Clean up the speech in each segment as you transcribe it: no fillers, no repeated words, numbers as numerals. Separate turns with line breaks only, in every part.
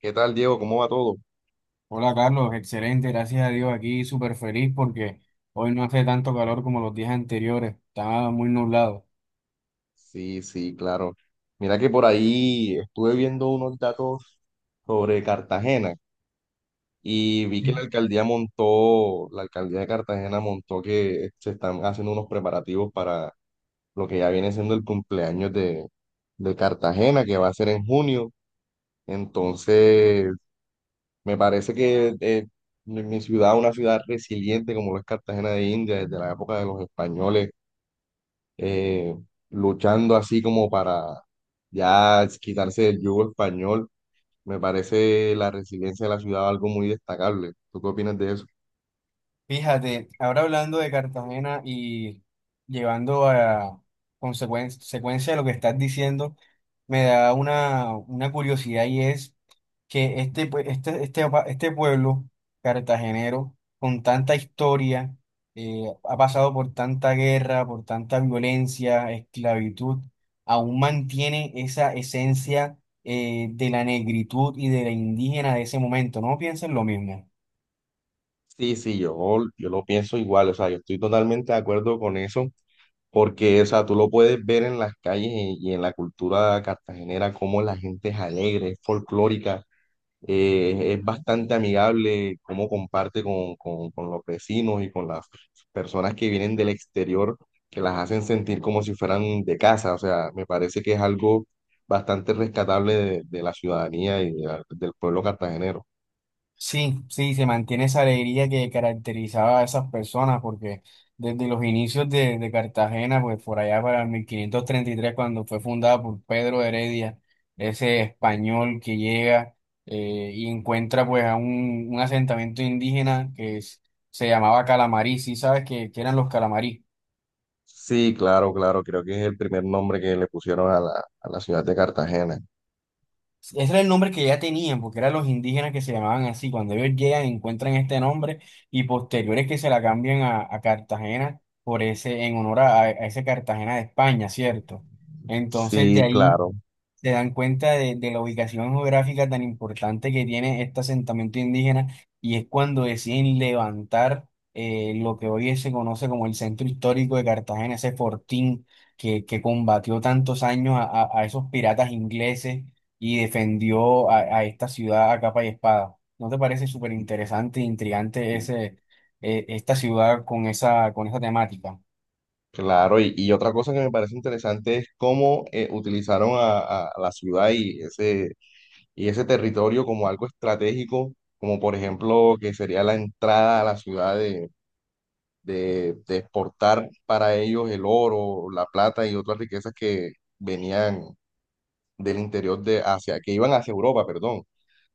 ¿Qué tal, Diego? ¿Cómo va todo?
Hola Carlos, excelente, gracias a Dios aquí súper feliz porque hoy no hace tanto calor como los días anteriores, estaba muy nublado.
Sí, sí, claro. Mira que por ahí estuve viendo unos datos sobre Cartagena y vi que la alcaldía montó, la alcaldía de Cartagena montó que se están haciendo unos preparativos para lo que ya viene siendo el cumpleaños de Cartagena, que va a ser en junio. Entonces, me parece que mi ciudad, una ciudad resiliente como lo es Cartagena de India, desde la época de los españoles eh, luchando así como para ya quitarse del yugo español. Me parece la resiliencia de la ciudad algo muy destacable. ¿Tú qué opinas de eso?
Fíjate, ahora hablando de Cartagena y llevando a consecuencia de lo que estás diciendo, me da una curiosidad y es que este pueblo cartagenero, con tanta historia, ha pasado por tanta guerra, por tanta violencia, esclavitud, aún mantiene esa esencia de la negritud y de la indígena de ese momento. ¿No piensan lo mismo?
Sí, sí, yo lo pienso igual, o sea, yo estoy totalmente de acuerdo con eso, porque, o sea, tú lo puedes ver en las calles y en la cultura cartagenera, cómo la gente es alegre, es folclórica, es bastante amigable, cómo comparte con los vecinos y con las personas que vienen del exterior, que las hacen sentir como si fueran de casa. O sea, me parece que es algo bastante rescatable de la ciudadanía y de del pueblo cartagenero.
Sí, sí, se mantiene esa alegría que caracterizaba a esas personas, porque desde los inicios de Cartagena, pues por allá para el 1533 cuando fue fundada por Pedro de Heredia, ese español que llega y encuentra pues a un asentamiento indígena que se llamaba Calamarí. ¿Sí sabes que eran los Calamarí?
Sí, claro, claro, creo que es el primer nombre que le pusieron a a la ciudad de Cartagena.
Ese era el nombre que ya tenían, porque eran los indígenas que se llamaban así. Cuando ellos llegan, encuentran este nombre y posteriores que se la cambian a Cartagena por ese, en honor a ese Cartagena de España, ¿cierto? Entonces de
Sí,
ahí
claro,
se dan cuenta de la ubicación geográfica tan importante que tiene este asentamiento indígena y es cuando deciden levantar lo que hoy se conoce como el centro histórico de Cartagena, ese fortín que combatió tantos años a esos piratas ingleses y defendió a esta ciudad a capa y espada. ¿No te parece súper interesante e intrigante
sí,
esta ciudad con esa temática?
claro. Y otra cosa que me parece interesante es cómo utilizaron a la ciudad y y ese territorio como algo estratégico, como por ejemplo que sería la entrada a la ciudad de exportar para ellos el oro, la plata y otras riquezas que venían del interior de Asia, que iban hacia Europa, perdón.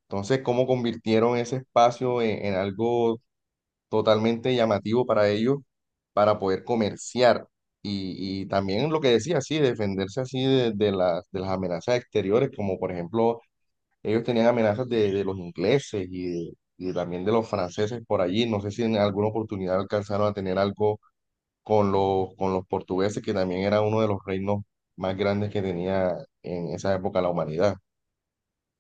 Entonces, ¿cómo convirtieron ese espacio en algo totalmente llamativo para ellos para poder comerciar? Y también lo que decía, sí, defenderse así de de las amenazas exteriores, como por ejemplo ellos tenían amenazas de los ingleses de- y también de los franceses por allí. No sé si en alguna oportunidad alcanzaron a tener algo con con los portugueses, que también era uno de los reinos más grandes que tenía en esa época la humanidad.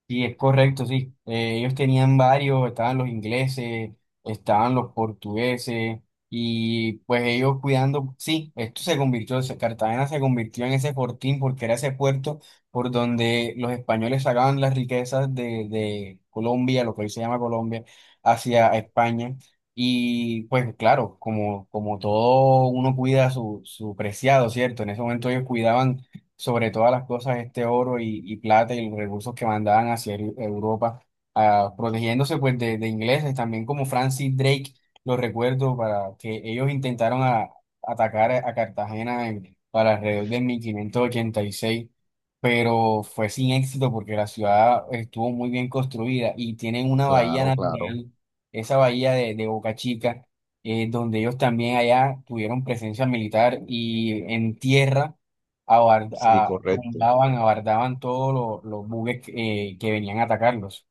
Sí, es correcto, sí. Ellos tenían varios, estaban los ingleses, estaban los portugueses, y pues ellos cuidando, sí, esto se convirtió, Cartagena se convirtió en ese fortín porque era ese puerto por donde los españoles sacaban las riquezas de Colombia, lo que hoy se llama Colombia, hacia España. Y pues claro, como todo uno cuida su preciado, ¿cierto? En ese momento ellos cuidaban sobre todas las cosas este oro y plata y los recursos que mandaban hacia Europa, protegiéndose pues de ingleses, también como Francis Drake, lo recuerdo, para que ellos intentaron atacar a Cartagena para alrededor de 1586, pero fue sin éxito porque la ciudad estuvo muy bien construida y tienen una bahía
Claro, claro.
natural, esa bahía de Boca Chica, donde ellos también allá tuvieron presencia militar y en tierra
Sí, correcto.
tumbaban, abardaban todos los buques que venían a atacarlos.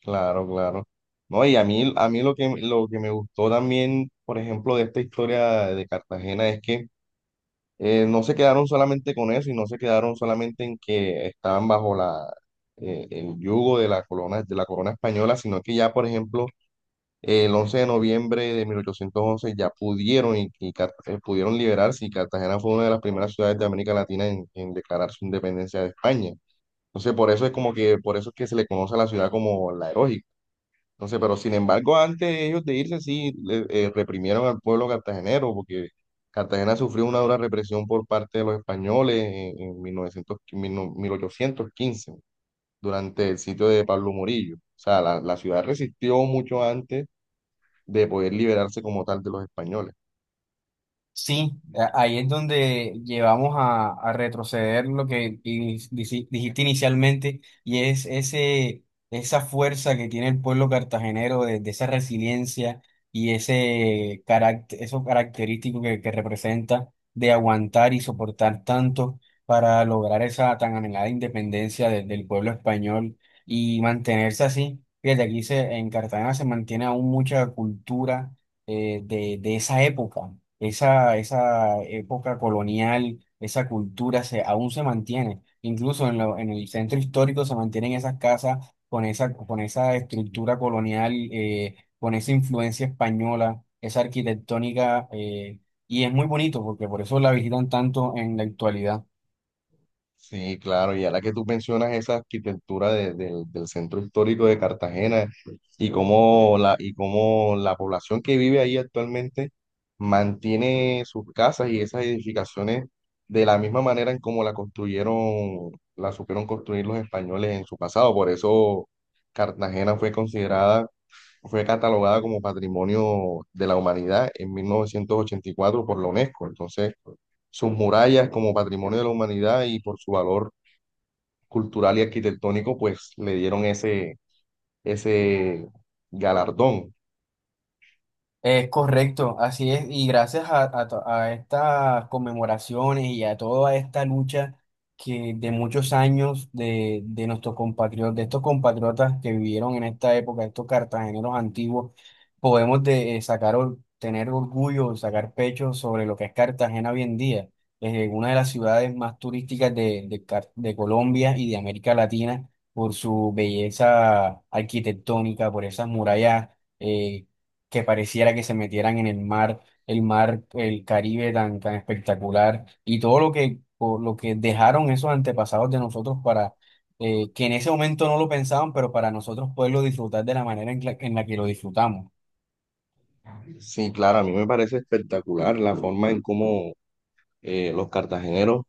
Claro, claro. No, y a mí lo que me gustó también, por ejemplo, de esta historia de Cartagena es que no se quedaron solamente con eso y no se quedaron solamente en que estaban bajo el yugo de la corona española, sino que ya, por ejemplo, el 11 de noviembre de 1811 ya pudieron, pudieron liberarse y Cartagena fue una de las primeras ciudades de América Latina en declarar su independencia de España. Entonces, por eso es como que, por eso es que se le conoce a la ciudad como la heroica. Entonces, pero sin embargo, antes de ellos de irse, sí, reprimieron al pueblo cartagenero, porque Cartagena sufrió una dura represión por parte de los españoles en 1900 mil- no- 1815 durante el sitio de Pablo Morillo. O sea, la ciudad resistió mucho antes de poder liberarse como tal de los españoles.
Sí, ahí es donde llevamos a retroceder lo que dijiste inicialmente y es esa fuerza que tiene el pueblo cartagenero de esa resiliencia y ese carácter, eso característico que representa de aguantar y soportar tanto para lograr esa tan anhelada independencia del pueblo español y mantenerse así. Fíjate, aquí en Cartagena se mantiene aún mucha cultura de esa época, esa época colonial, esa cultura aún se mantiene. Incluso en el centro histórico se mantienen esas casas con esa estructura colonial, con esa influencia española, esa arquitectónica, y es muy bonito porque por eso la visitan tanto en la actualidad.
Sí, claro, y ahora que tú mencionas esa arquitectura del centro histórico de Cartagena y cómo la población que vive ahí actualmente mantiene sus casas y esas edificaciones de la misma manera en cómo la construyeron, la supieron construir los españoles en su pasado. Por eso Cartagena fue catalogada como Patrimonio de la Humanidad en 1984 por la UNESCO. Entonces, sus murallas como Patrimonio de la Humanidad y por su valor cultural y arquitectónico, pues le dieron ese galardón.
Es correcto, así es, y gracias a estas conmemoraciones y a toda esta lucha que de muchos años de nuestros compatriotas, de estos compatriotas que vivieron en esta época, estos cartageneros antiguos, podemos tener orgullo, sacar pecho sobre lo que es Cartagena hoy en día, es una de las ciudades más turísticas de Colombia y de América Latina por su belleza arquitectónica, por esas murallas eh, que pareciera que se metieran en el mar, el Caribe tan, tan espectacular y todo por lo que dejaron esos antepasados de nosotros para que en ese momento no lo pensaban, pero para nosotros poderlo disfrutar de la manera en la que lo disfrutamos.
Sí, claro, a mí me parece espectacular la forma en cómo los cartageneros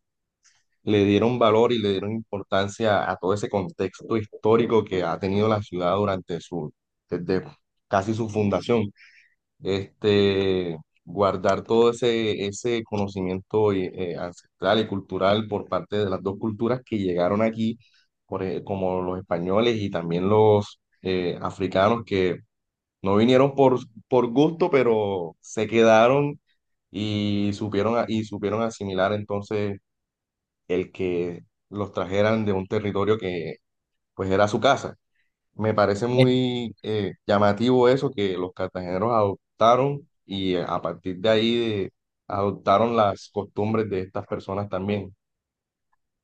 le dieron valor y le dieron importancia a todo ese contexto histórico que ha tenido la ciudad durante desde casi su fundación. Este, guardar todo ese conocimiento ancestral y cultural por parte de las dos culturas que llegaron aquí, como los españoles y también los africanos que no vinieron por gusto, pero se quedaron y y supieron asimilar entonces el que los trajeran de un territorio que pues era su casa. Me parece muy llamativo eso que los cartageneros adoptaron y a partir de ahí adoptaron las costumbres de estas personas también.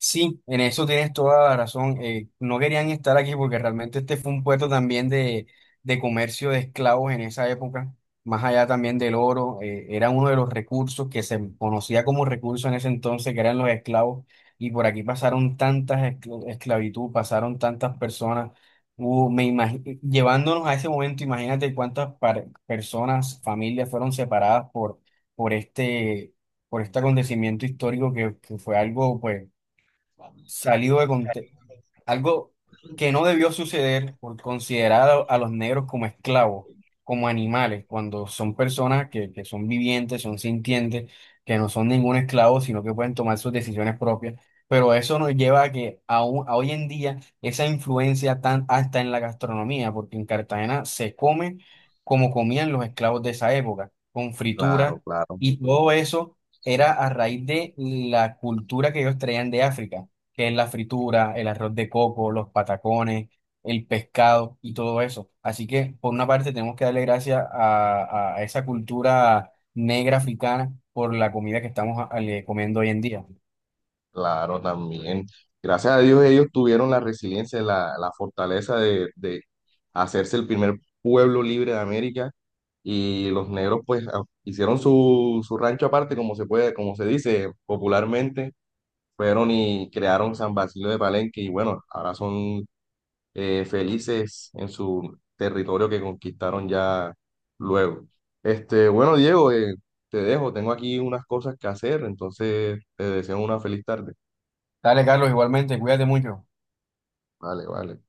Sí, en eso tienes toda la razón. No querían estar aquí porque realmente este fue un puerto también de comercio de esclavos en esa época, más allá también del oro, era uno de los recursos que se conocía como recurso en ese entonces, que eran los esclavos, y por aquí pasaron tantas esclavitud, pasaron tantas personas, llevándonos a ese momento, imagínate cuántas personas, familias fueron separadas por este, por este acontecimiento histórico que fue algo, pues salido de contexto, algo que no debió suceder por considerar a los negros como esclavos, como animales, cuando son personas que son vivientes, son sintientes, que no son ningún esclavo, sino que pueden tomar sus decisiones propias. Pero eso nos lleva a que a hoy en día esa influencia tan hasta en la gastronomía, porque en Cartagena se come como comían los esclavos de esa época, con
Claro,
frituras
claro,
y todo eso era a raíz de la cultura que ellos traían de África, que es la fritura, el arroz de coco, los patacones, el pescado y todo eso. Así que, por una parte, tenemos que darle gracias a esa cultura negra africana por la comida que estamos comiendo hoy en día.
claro, también. Gracias a Dios ellos tuvieron la resiliencia, la fortaleza de hacerse el primer pueblo libre de América y los negros pues hicieron su rancho aparte, como se puede, como se dice popularmente, fueron y crearon San Basilio de Palenque y bueno, ahora son felices en su territorio que conquistaron ya luego. Este, bueno, Diego, te dejo, tengo aquí unas cosas que hacer, entonces te deseo una feliz tarde.
Dale, Carlos, igualmente, cuídate mucho.
Vale, vale.